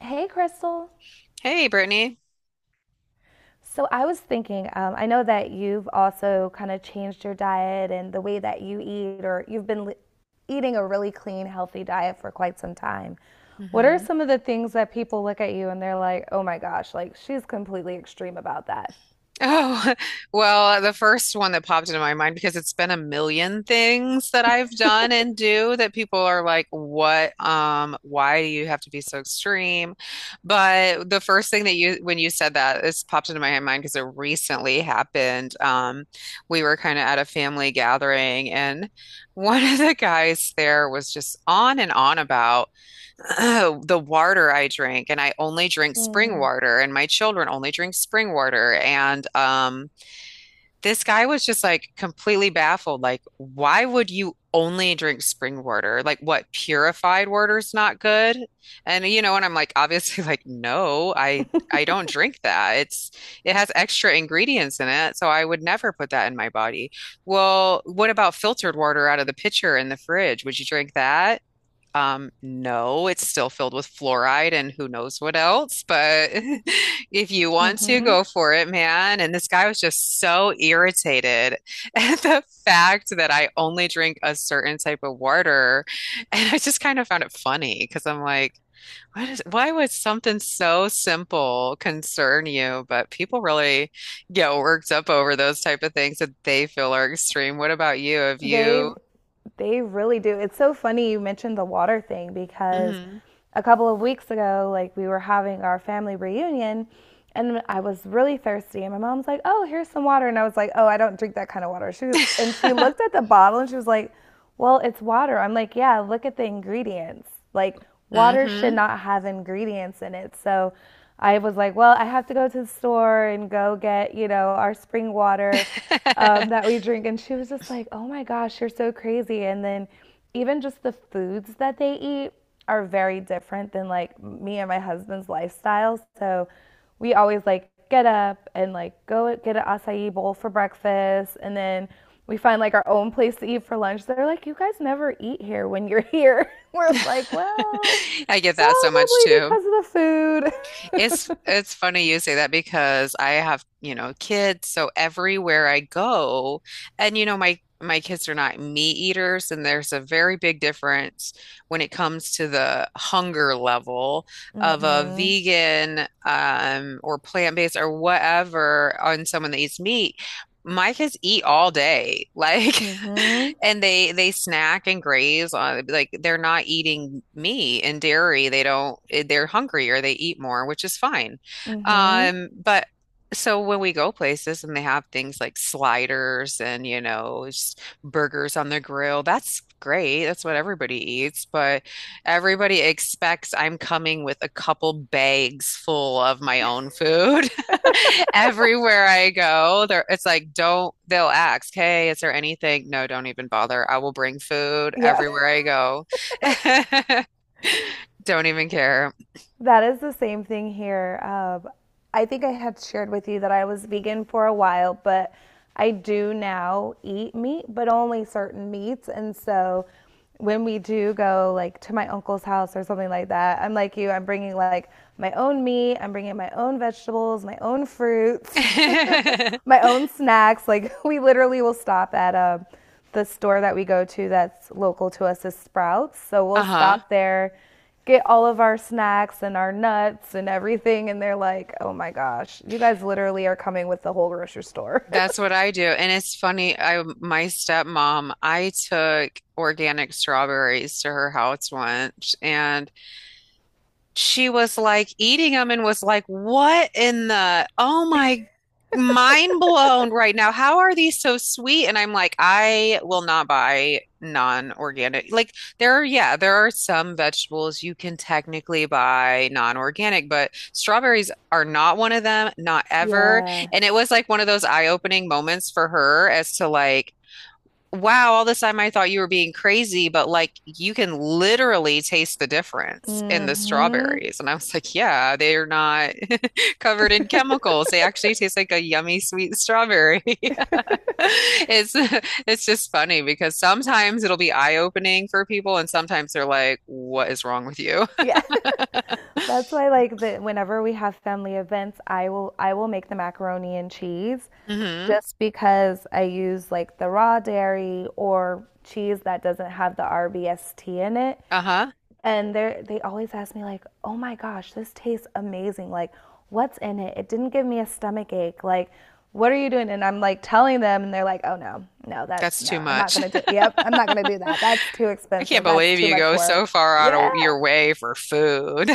Hey, Crystal. Hey, Brittany. So I was thinking, I know that you've also kind of changed your diet and the way that you eat, or eating a really clean, healthy diet for quite some time. What are hmm some of the things that people look at you and they're like, oh my gosh, like she's completely extreme about that? Oh, well, the first one that popped into my mind because it's been a million things that I've done and do that people are like, "What? Why do you have to be so extreme?" But the first thing that you when you said that, this popped into my mind because it recently happened. We were kind of at a family gathering, and one of the guys there was just on and on about. Oh, the water I drink, and I only drink spring Mm. water, and my children only drink spring water. And this guy was just like completely baffled. Like, why would you only drink spring water? Like, what, purified water's not good? And you know, and I'm like, obviously, like, no, I don't drink that. It has extra ingredients in it, so I would never put that in my body. Well, what about filtered water out of the pitcher in the fridge? Would you drink that? No, it's still filled with fluoride and who knows what else, but if you want to, Hmm. go for it, man. And this guy was just so irritated at the fact that I only drink a certain type of water. And I just kind of found it funny because I'm like, why would something so simple concern you? But people really get worked up over those type of things that they feel are extreme. What about you? Have you? They they really do. It's so funny you mentioned the water thing because hmm a couple of weeks ago, like we were having our family reunion and I was really thirsty and my mom's like, "Oh, here's some water." And I was like, "Oh, I don't drink that kind of water." She looked at the bottle and she was like, well, it's water. I'm like, yeah, look at the ingredients. Like, water should hmm not have ingredients in it. So I was like, well, I have to go to the store and go get our spring water that we drink. And she was just like, oh my gosh, you're so crazy. And then even just the foods that they eat are very different than like me and my husband's lifestyle. So we always like get up and like go get an acai bowl for breakfast and then we find like our own place to eat for lunch. They're like, you guys never eat here when you're here. We're like, well, I get that so much probably too. because of the food. It's funny you say that because I have, you know, kids, so everywhere I go, and you know, my kids are not meat eaters, and there's a very big difference when it comes to the hunger level of a mm-hmm. vegan or plant-based or whatever on someone that eats meat. My kids eat all day. Like Mm-hmm. and they snack and graze on, like they're not eating meat and dairy. They don't they're hungry or they eat more, which is fine. Mm-hmm. But so when we go places and they have things like sliders and you know just burgers on the grill, that's great. That's what everybody eats, but everybody expects I'm coming with a couple bags full of my own food. Everywhere I go, there it's like don't, they'll ask, "Hey, is there anything?" No, don't even bother. I will bring food Yeah. everywhere I go. Don't even care. That is the same thing here. I think I had shared with you that I was vegan for a while, but I do now eat meat, but only certain meats. And so when we do go like to my uncle's house or something like that, I'm like you, I'm bringing like my own meat, I'm bringing my own vegetables, my own fruits, my own snacks. Like we literally will stop at the store that we go to that's local to us is Sprouts. So we'll Uh-huh. stop there, get all of our snacks and our nuts and everything. And they're like, oh my gosh, you guys literally are coming with the whole grocery store. That's what I do. And it's funny, I my stepmom, I took organic strawberries to her house once and she was like eating them and was like, what in the, oh my, mind blown right now. How are these so sweet? And I'm like, I will not buy non-organic. Like there are, yeah, there are some vegetables you can technically buy non-organic, but strawberries are not one of them, not ever. yeah. And it was like one of those eye-opening moments for her as to like, wow, all this time I thought you were being crazy, but like you can literally taste the difference in the Mm-hmm. strawberries. And I was like, yeah, they're not covered in chemicals. They actually taste like a yummy sweet strawberry. It's it's just funny because sometimes it'll be eye-opening for people and sometimes they're like, what is wrong with you? Yeah. That's why like the whenever we have family events, I will make the macaroni and cheese hmm just because I use like the raw dairy or cheese that doesn't have the RBST in it. Uh-huh. And they always ask me like, "Oh my gosh, this tastes amazing. Like, what's in it? It didn't give me a stomach ache. Like, what are you doing?" And I'm like telling them and they're like, "Oh no. No, that's That's too no. I'm not much. going to do it. Yep, I'm not going to do that. That's too I expensive. can't That's believe too you much go so work." far out Yeah. of your way for food.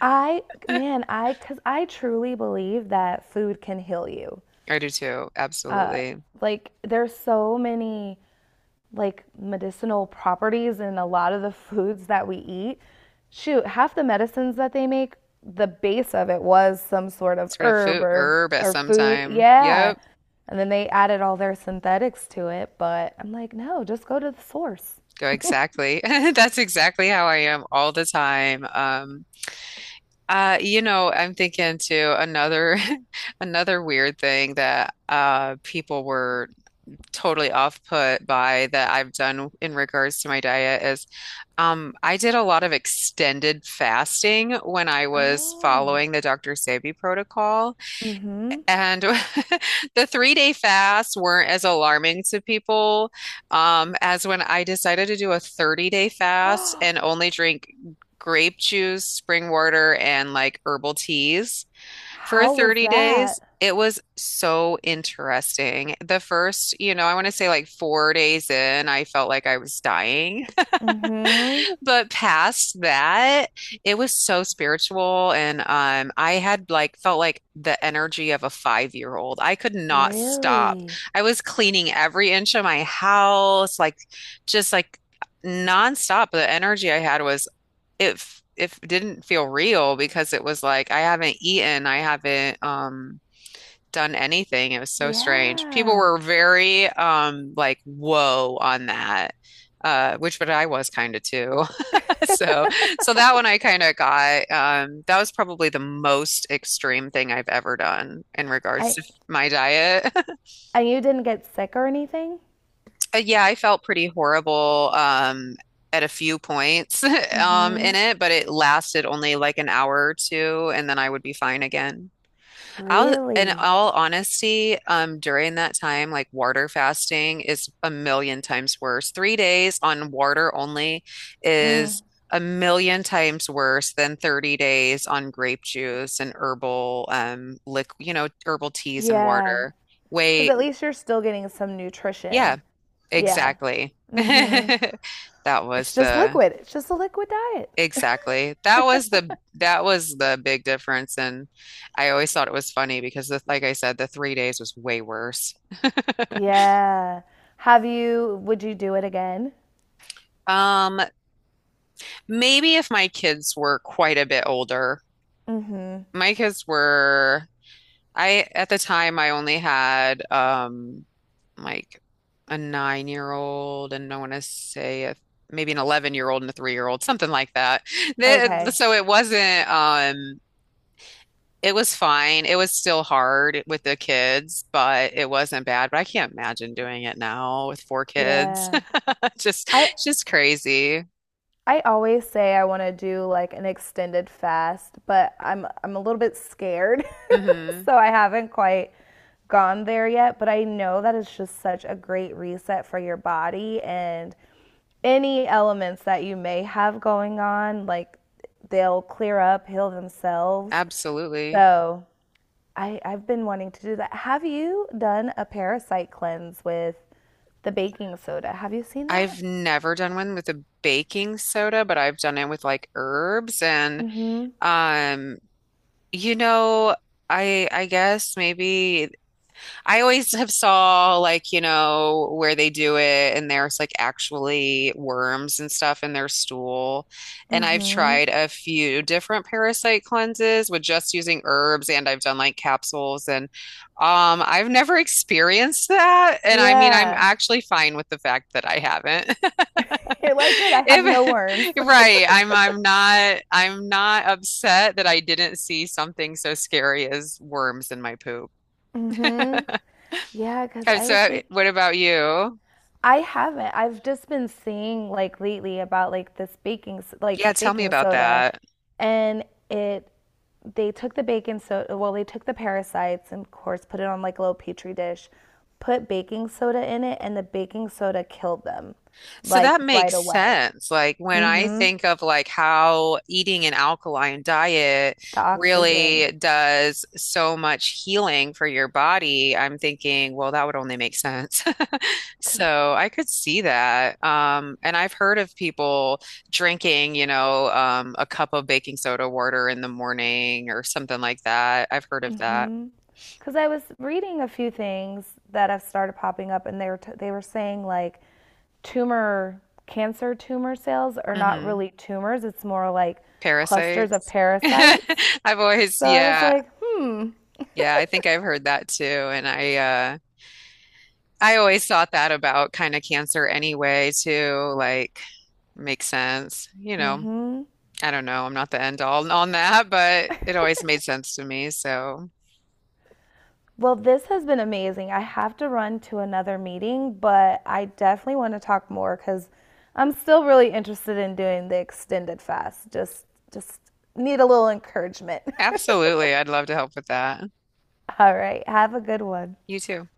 I man, I cuz I truly believe that food can heal you. I do too. Absolutely. Like, there's so many like medicinal properties in a lot of the foods that we eat. Shoot, half the medicines that they make, the base of it was some sort of Sort of herb food or herb at or some food. time. Yeah. Yep. And then they added all their synthetics to it, but I'm like, no, just go to the source. Go exactly. That's exactly how I am all the time. You know, I'm thinking too, another another weird thing that people were totally off put by that I've done in regards to my diet is I did a lot of extended fasting when I was Oh. following the Dr. Sebi protocol. Mm-hmm. And the 3 day fasts weren't as alarming to people, as when I decided to do a 30-day fast and only drink grape juice, spring water, and like herbal teas for How was 30 days. that? It was so interesting. The first, you know, I want to say like 4 days in, I felt like I was dying. Mm-hmm. But past that, it was so spiritual and I had like felt like the energy of a 5-year-old. I could not stop. Really? I was cleaning every inch of my house, like just like nonstop. The energy I had was, if didn't feel real because it was like I haven't eaten, I haven't done anything. It was so strange. People Yeah. were very like whoa on that. Which But I was kind of too. So, so that one I kind of got. That was probably the most extreme thing I've ever done in regards I to my diet. and you didn't get sick or anything? Yeah, I felt pretty horrible, at a few points, in Mm-hmm. it, but it lasted only like an hour or two, and then I would be fine again. In Really? all honesty, during that time, like water fasting is a million times worse. 3 days on water only is a million times worse than 30 days on grape juice and herbal, liq you know, herbal teas and Yeah. water. Because Way, at least you're still getting some yeah, nutrition. Yeah. exactly. Mm-hmm. That was It's just the liquid. It's just a liquid diet. Exactly. That was the big difference. And I always thought it was funny because like I said, the 3 days was way worse. Yeah. Have you, would you do it again? Um, Maybe if my kids were quite a bit older. Mm-hmm. My kids were I, at the time, I only had like a 9-year-old old, and I want to say a, maybe an 11-year-old and a 3-year-old old, something like that. Okay. It wasn't it was fine. It was still hard with the kids, but it wasn't bad. But I can't imagine doing it now with four kids. Yeah. Just, I just crazy. I always say I want to do like an extended fast, but I'm a little bit scared. hmm So I haven't quite gone there yet, but I know that it's just such a great reset for your body and any elements that you may have going on, like they'll clear up, heal themselves. Absolutely. So I've been wanting to do that. Have you done a parasite cleanse with the baking soda? Have you seen that? I've never done one with a baking soda, but I've done it with like herbs and Mm-hmm. um, you know, I guess maybe I always have saw, like, you know, where they do it and there's like actually worms and stuff in their stool. And I've Mm-hmm. tried a few different parasite cleanses with just using herbs and I've done like capsules and I've never experienced that. And I mean, I'm Yeah. actually fine with the fact that I haven't. You're like, good, I have no If, worms. right, I'm not upset that I didn't see something so scary as worms in my poop. Mm-hmm. Yeah, because I was think What about you? I haven't. I've just been seeing like lately about like like Yeah, tell me baking about soda that. and it They took the baking soda, well, they took the parasites and, of course, put it on like a little petri dish, put baking soda in it, and the baking soda killed them So like that right makes away. sense. Like when I Hmm. think of like how eating an alkaline diet The oxygen. really does so much healing for your body, I'm thinking, well, that would only make sense. Because So I could see that. And I've heard of people drinking, you know, a cup of baking soda water in the morning or something like that. I've heard of that. I was reading a few things that have started popping up, and they were saying like cancer tumor cells are not hmm really tumors, it's more like clusters of Parasites. parasites. I've always, So I was yeah, like, hmm. yeah, I think I've heard that too. I always thought that about kind of cancer anyway, too. Like, makes sense. You know, I don't know. I'm not the end all on that, but it always made sense to me. So, Well, this has been amazing. I have to run to another meeting, but I definitely want to talk more because I'm still really interested in doing the extended fast. Just need a little encouragement. absolutely, I'd love to help with that. All right, have a good one. You too.